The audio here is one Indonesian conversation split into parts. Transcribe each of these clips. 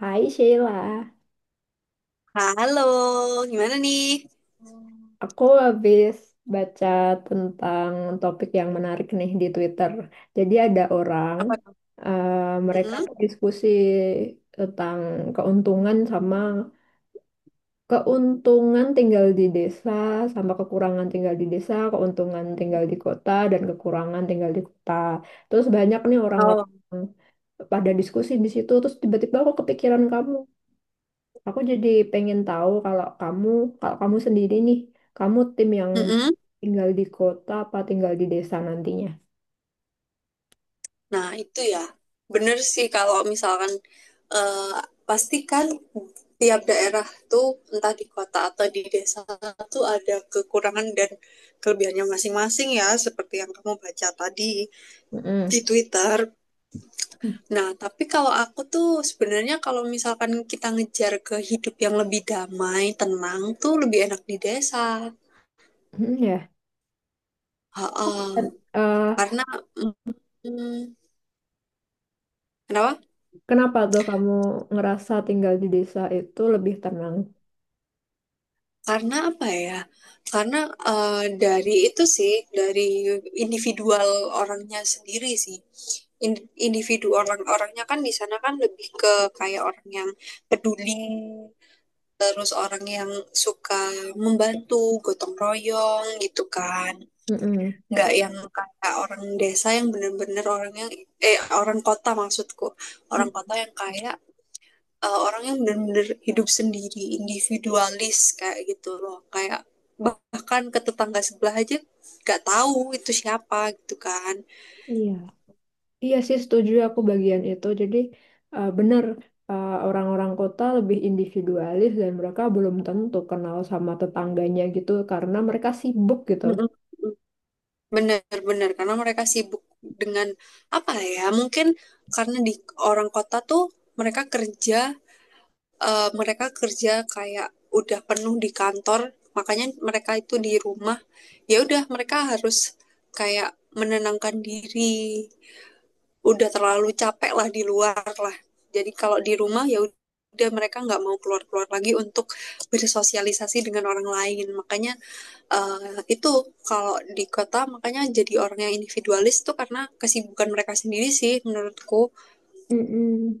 Hai Sheila, Halo, gimana nih? aku habis baca tentang topik yang menarik nih di Twitter. Jadi ada orang, Apa tuh? eh, mereka Mm-mm. tuh diskusi tentang keuntungan sama keuntungan tinggal di desa, sama kekurangan tinggal di desa, keuntungan tinggal di kota, dan kekurangan tinggal di kota. Terus banyak nih orang-orang Oh, pada diskusi di situ, terus tiba-tiba aku kepikiran kamu. Aku jadi pengen tahu kalau kamu sendiri nih, kamu tim yang mm-mm. tinggal di kota apa tinggal di desa nantinya? Nah itu ya, bener sih kalau misalkan eh, pastikan tiap daerah tuh entah di kota atau di desa tuh ada kekurangan dan kelebihannya masing-masing ya, seperti yang kamu baca tadi di Mm-mm. Twitter. Nah, tapi kalau aku tuh sebenarnya kalau misalkan kita ngejar ke hidup yang lebih damai, tenang tuh lebih enak di desa. Mm, ya. Ha-ha. Ken- eh, Karena mm, Kenapa? Kenapa tuh kamu ngerasa tinggal di desa itu lebih tenang? Karena apa ya? Karena eh, dari itu sih, dari individual orangnya sendiri sih. Individu orang-orangnya kan di sana kan lebih ke kayak orang yang peduli, terus orang yang suka membantu, gotong royong gitu kan. Mm-mm. Nggak yang kayak orang desa yang bener-bener orangnya, eh orang kota maksudku. Mm, Orang kota yang kayak orang yang benar-benar hidup sendiri, individualis kayak gitu loh. Kayak bahkan ke tetangga sebelah aja nggak tahu itu siapa gitu kan. Iya, iya sih setuju aku bagian itu. Jadi eh, benar orang-orang kota lebih individualis dan mereka belum tentu kenal sama tetangganya gitu karena mereka sibuk gitu. Bener-bener karena mereka sibuk dengan apa ya? Mungkin karena di orang kota tuh mereka kerja, mereka kerja kayak udah penuh di kantor, makanya mereka itu di rumah. Ya udah mereka harus kayak menenangkan diri udah terlalu capek lah di luar lah, jadi kalau di rumah ya udah mereka nggak mau keluar-keluar lagi untuk bersosialisasi dengan orang lain, makanya itu kalau di kota makanya jadi orang yang individualis tuh karena kesibukan mereka sendiri sih menurutku. Mm-mm.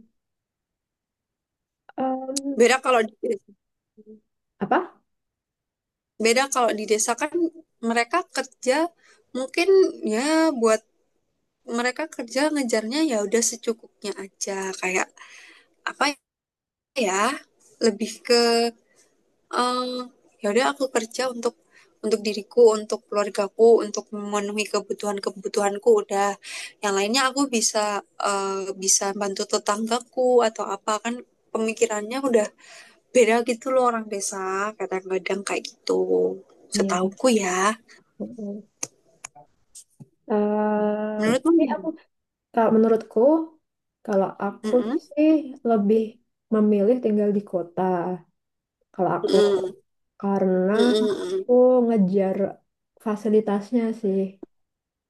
beda kalau di, Apa? Beda kalau di desa kan mereka kerja mungkin ya buat, mereka kerja ngejarnya ya udah secukupnya aja, kayak apa ya, lebih eh ya udah aku kerja untuk diriku, untuk keluargaku, untuk memenuhi kebutuhan-kebutuhanku udah. Yang lainnya aku bisa eh, bisa bantu tetanggaku atau apa kan, pemikirannya udah beda gitu loh orang desa kadang-kadang kayak gitu. Iya. Setauku ya. Betul. Eh, Menurutmu tapi aku gimana? kalau menurutku, kalau aku Mm-mm. sih lebih memilih tinggal di kota, kalau aku Mm-mm. karena Mm-mm. aku ngejar fasilitasnya sih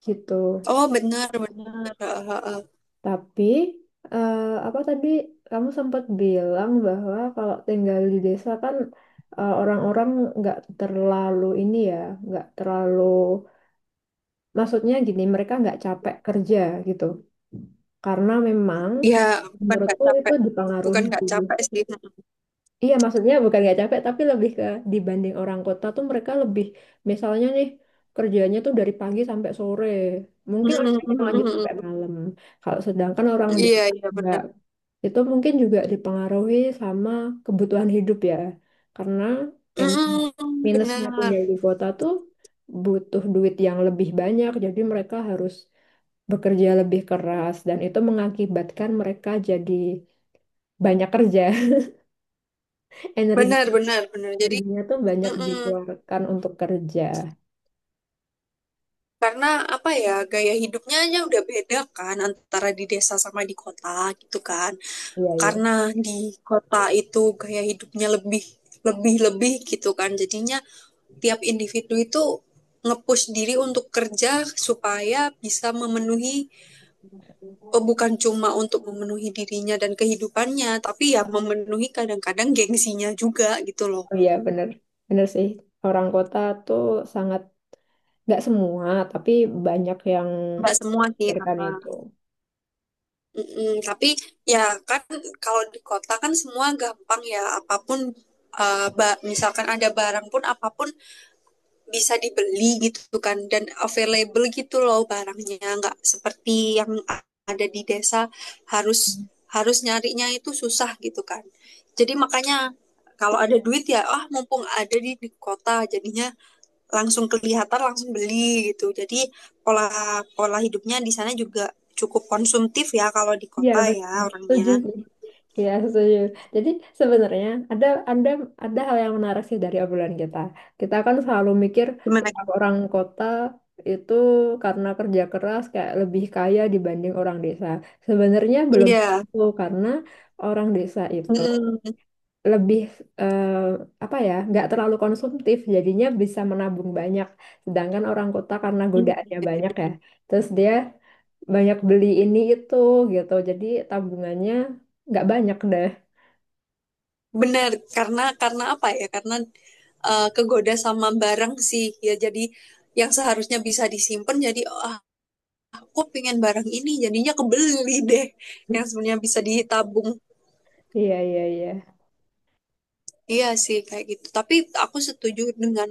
gitu. Oh benar benar. Eh. Tapi eh, apa tadi kamu sempat bilang bahwa kalau tinggal di desa kan orang-orang nggak terlalu ini ya, nggak terlalu maksudnya gini mereka nggak capek kerja gitu. Karena memang Ya bukan nggak menurutku itu capek, dipengaruhi. bukan nggak capek sih. Iya maksudnya bukan nggak capek tapi lebih ke dibanding orang kota tuh mereka lebih misalnya nih kerjanya tuh dari pagi sampai sore. Mungkin ada Mm-mm. yang lanjut sampai Mm-mm. malam. Kalau sedangkan orang Iya desa iya nggak. benar. Itu mungkin juga dipengaruhi sama kebutuhan hidup ya. Karena em Mm-mm, minusnya benar, tinggal di kota tuh butuh duit yang lebih banyak. Jadi mereka harus bekerja lebih keras dan itu mengakibatkan mereka jadi banyak kerja. Energi benar, benar, benar. Jadi, energinya tuh banyak mm-mm. dikeluarkan untuk kerja. Karena apa ya, gaya hidupnya aja udah beda kan antara di desa sama di kota gitu kan. Iya, iya. Karena di kota itu gaya hidupnya lebih, lebih, lebih gitu kan. Jadinya tiap individu itu ngepush diri untuk kerja supaya bisa memenuhi, oh, bukan cuma untuk memenuhi dirinya dan kehidupannya, tapi ya memenuhi kadang-kadang gengsinya juga gitu loh. Oh iya, bener. Bener sih. Orang kota tuh sangat, nggak semua, tapi banyak yang Nggak semua sih. pikirkan itu. Mm-mm, tapi ya kan kalau di kota kan semua gampang ya apapun, misalkan ada barang pun apapun bisa dibeli gitu kan dan available gitu loh barangnya, nggak seperti yang ada di desa, harus harus nyarinya itu susah gitu kan. Jadi makanya kalau ada duit ya ah mumpung ada di kota, jadinya langsung kelihatan langsung beli gitu, jadi pola pola hidupnya di sana juga cukup konsumtif ya kalau di Iya kota betul, ya setuju orangnya. sih. Iya setuju. Jadi sebenarnya ada ada hal yang menarik sih dari obrolan kita. Kita kan selalu mikir, Gimana, "Ih, Gi? orang kota itu karena kerja keras kayak lebih kaya dibanding orang desa. Sebenarnya belum Iya. tentu karena orang desa itu Mm-mm. lebih eh, apa ya nggak terlalu konsumtif jadinya bisa menabung banyak, sedangkan orang kota karena Iya, godaannya iya, banyak bener. ya terus dia banyak beli ini itu gitu jadi tabungannya nggak banyak deh. Bener. Karena apa ya, karena kegoda sama barang sih ya, jadi yang seharusnya bisa disimpan jadi, "Ah, aku pengen barang ini jadinya kebeli deh, yang sebenarnya bisa ditabung." Iya, iya, iya, Iya sih kayak gitu, tapi aku setuju dengan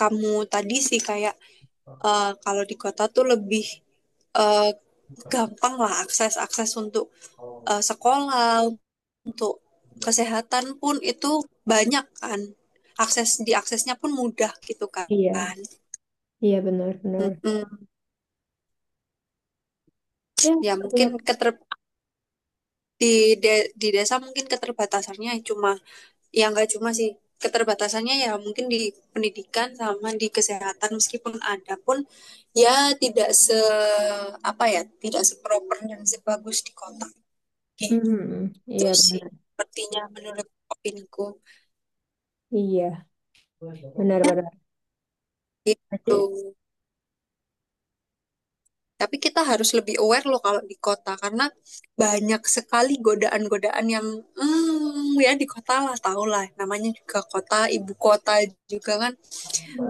kamu tadi sih, kayak kalau di kota tuh lebih eh, gampang lah akses akses untuk sekolah, untuk kesehatan pun itu banyak kan. Diaksesnya pun mudah gitu kan. iya, iya. Benar, benar. Mm-mm. Ya. Ya mungkin Lihat. Di di desa mungkin keterbatasannya cuma, ya nggak cuma sih, keterbatasannya ya mungkin di pendidikan sama di kesehatan, meskipun ada pun ya tidak apa ya, tidak seproper dan sebagus di kota. Oke. Mhm. Itu Iya, benar. sih sepertinya menurut opiniku Iya, benar, benar. Jadi, gitu. Tapi kita harus lebih aware loh kalau di kota, karena banyak sekali godaan-godaan yang, ya di kota lah, tau lah namanya juga kota ibu kota juga kan,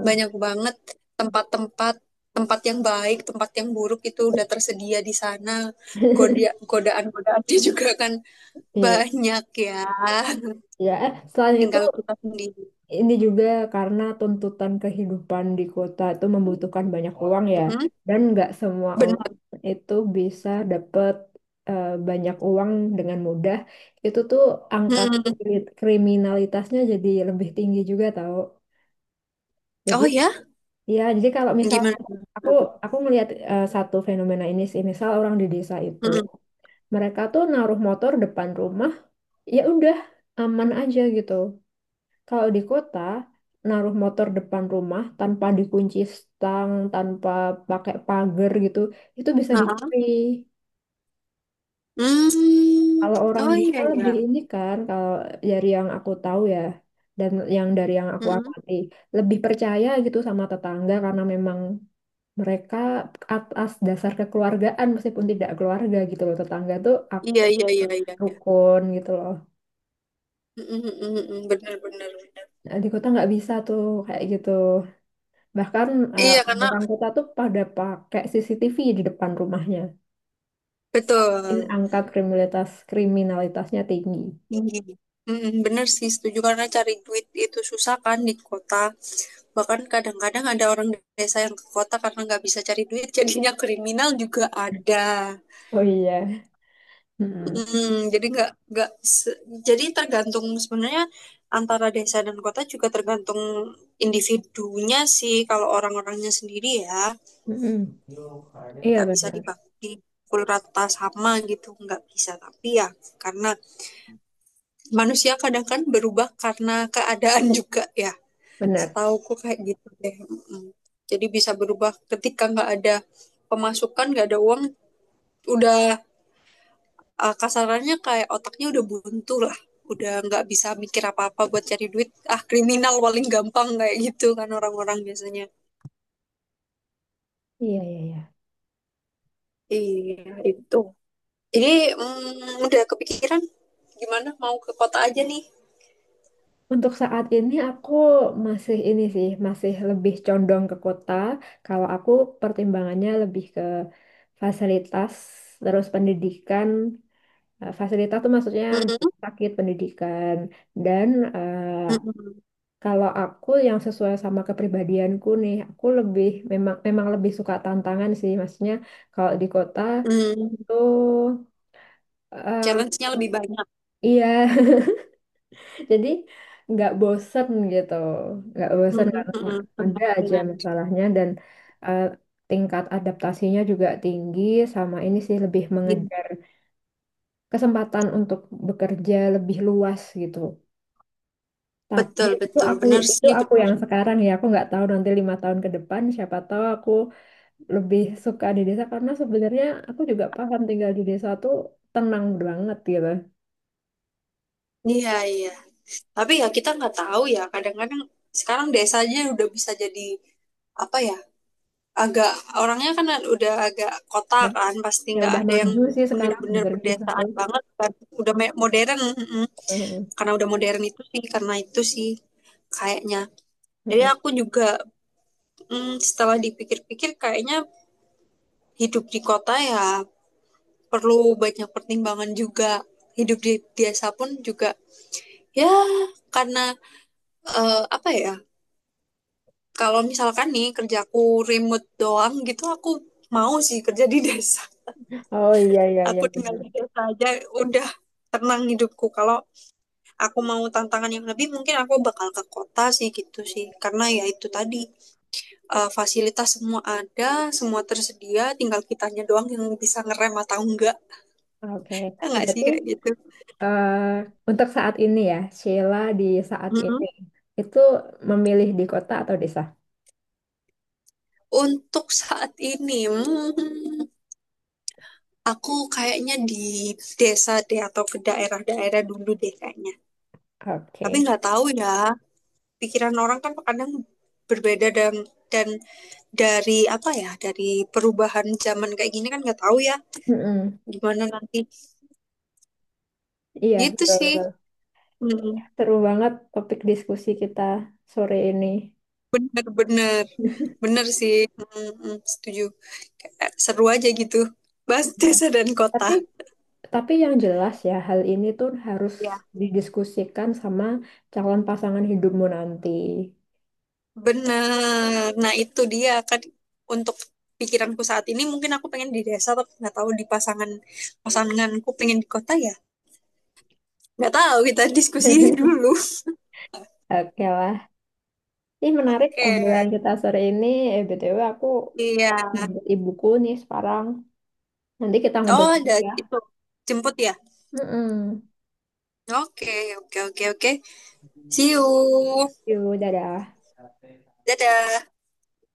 banyak banget tempat-tempat tempat yang baik, tempat yang buruk itu udah tersedia di sana. Godaan-godaannya juga kan iya, banyak ya. ya. Selain itu, Tinggal kita sendiri. ini juga karena tuntutan kehidupan di kota itu membutuhkan banyak uang ya, Mhm, dan nggak semua orang benar. itu bisa dapat banyak uang dengan mudah. Itu tuh angka Mhm. Kriminalitasnya jadi lebih tinggi juga tahu. Jadi Oh ya, ya, jadi kalau misal gimana? aku aku melihat satu fenomena ini sih, misal orang di desa itu Mhm. mereka tuh naruh motor depan rumah, ya udah aman aja gitu. Kalau di kota, naruh motor depan rumah tanpa dikunci stang, tanpa pakai pagar gitu, itu bisa Heeh. dicuri. Hmm. Kalau orang Oh desa iya lebih iya. ini kan, kalau dari yang aku tahu ya, dan yang dari yang aku Mm-mm. amati, lebih percaya gitu sama tetangga karena memang mereka atas dasar kekeluargaan meskipun tidak keluarga gitu loh, tetangga tuh aku Iya iya iya iya iya. rukun gitu loh. Mm-mm, mm-mm, mm-mm. Bener bener bener. Nah, di kota nggak bisa tuh kayak gitu. Bahkan eh, Iya karena orang kota tuh pada pakai CCTV di depan rumahnya. Saking betul. angka kriminalitasnya tinggi. Tinggi. Mm, bener sih, setuju karena cari duit itu susah kan di kota. Bahkan kadang-kadang ada orang desa yang ke kota karena nggak bisa cari duit jadinya kriminal juga ada. Oh iya. Mm-mm. Mm, jadi nggak se- jadi tergantung sebenarnya, antara desa dan kota juga tergantung individunya sih, kalau orang-orangnya sendiri ya. Mm-mm. Iya Nggak bisa benar, dipukul rata sama gitu, nggak bisa, tapi ya karena manusia kadang kan berubah karena keadaan juga ya. benar. Setauku kayak gitu deh. Mm. Jadi bisa berubah ketika nggak ada pemasukan, nggak ada uang, udah kasarannya kayak otaknya udah buntu lah, udah nggak bisa mikir apa-apa buat cari duit, ah kriminal paling gampang kayak gitu kan orang-orang biasanya. Iya, iya, iya. Iya itu, jadi udah kepikiran gimana mau ke kota aja nih. Untuk saat ini aku masih ini sih, masih lebih condong ke kota. Kalau aku pertimbangannya lebih ke fasilitas, terus pendidikan. Fasilitas tuh maksudnya Mm. rumah sakit, pendidikan, dan eh, Mm-mm. kalau aku yang sesuai sama kepribadianku nih, aku lebih memang memang lebih suka tantangan sih, maksudnya kalau di kota Mm. tuh eh, Challenge-nya lebih banyak. iya, jadi nggak bosen gitu, nggak bosen karena Mm-mm. ada aja Benar-benar. masalahnya dan eh, tingkat adaptasinya juga tinggi, sama ini sih lebih Iya. mengejar kesempatan untuk bekerja lebih luas gitu. Tapi Betul, itu betul. aku Benar itu sih, aku benar. yang sekarang ya, aku nggak tahu nanti 5 tahun ke depan siapa tahu aku lebih suka di desa karena sebenarnya aku juga paham tinggal di desa tuh tenang banget gitu. Iya, iya. Tapi ya kita nggak tahu ya. Kadang-kadang sekarang desa aja udah bisa jadi apa ya? Agak Orangnya kan udah agak kota Dan kan, pasti ya nggak udah ada yang maju sih sekarang benar-benar sebenarnya desa pedesaan tuh. banget kan. Udah modern, mm-mm. Heeh, Karena udah modern itu sih, karena itu sih kayaknya. Jadi heeh. aku juga, setelah dipikir-pikir kayaknya hidup di kota ya perlu banyak pertimbangan juga, hidup di desa pun juga ya, karena apa ya, kalau misalkan nih kerjaku remote doang gitu, aku mau sih kerja di desa, Oh iya, iya, iya, aku tinggal benar. di desa aja udah tenang hidupku. Kalau aku mau tantangan yang lebih mungkin aku bakal ke kota sih, gitu sih, karena ya itu tadi fasilitas semua ada, semua tersedia, tinggal kitanya doang yang bisa ngerem atau enggak, Oke, ya enggak sih berarti kayak gitu. eh, untuk saat ini ya Sheila, di saat ini Mm-mm. itu memilih di kota atau desa? Untuk saat ini, aku kayaknya di desa deh, atau ke daerah-daerah dulu deh kayaknya. Tapi Oke. nggak tahu ya, pikiran orang kan kadang berbeda, dan dari apa ya, dari perubahan zaman kayak gini kan nggak tahu ya Heeh. gimana nanti. Iya, betul, Gitu sih. betul. Hmm, Seru banget topik diskusi kita sore ini. bener-bener. Bener sih. Hmm, hmm, setuju. Kayak seru aja gitu. Bahas desa dan kota. Tapi Tapi yang jelas ya, hal ini tuh harus Ya. didiskusikan sama calon pasangan hidupmu nanti. Bener. Nah, itu dia kan, untuk pikiranku saat ini mungkin aku pengen di desa, tapi nggak tahu di pasanganku pengen di kota ya. Nggak tahu, kita diskusi dulu. Oke lah. Ini menarik Oke. obrolan kita sore ini. BTW aku Iya. jemput ibuku nih sekarang. Nanti kita Oh, ngobrol lagi ada ya. itu, jemput ya. Mm-mm. Oke, oke, oke, oke. See you. Yuk, dadah. Dadah.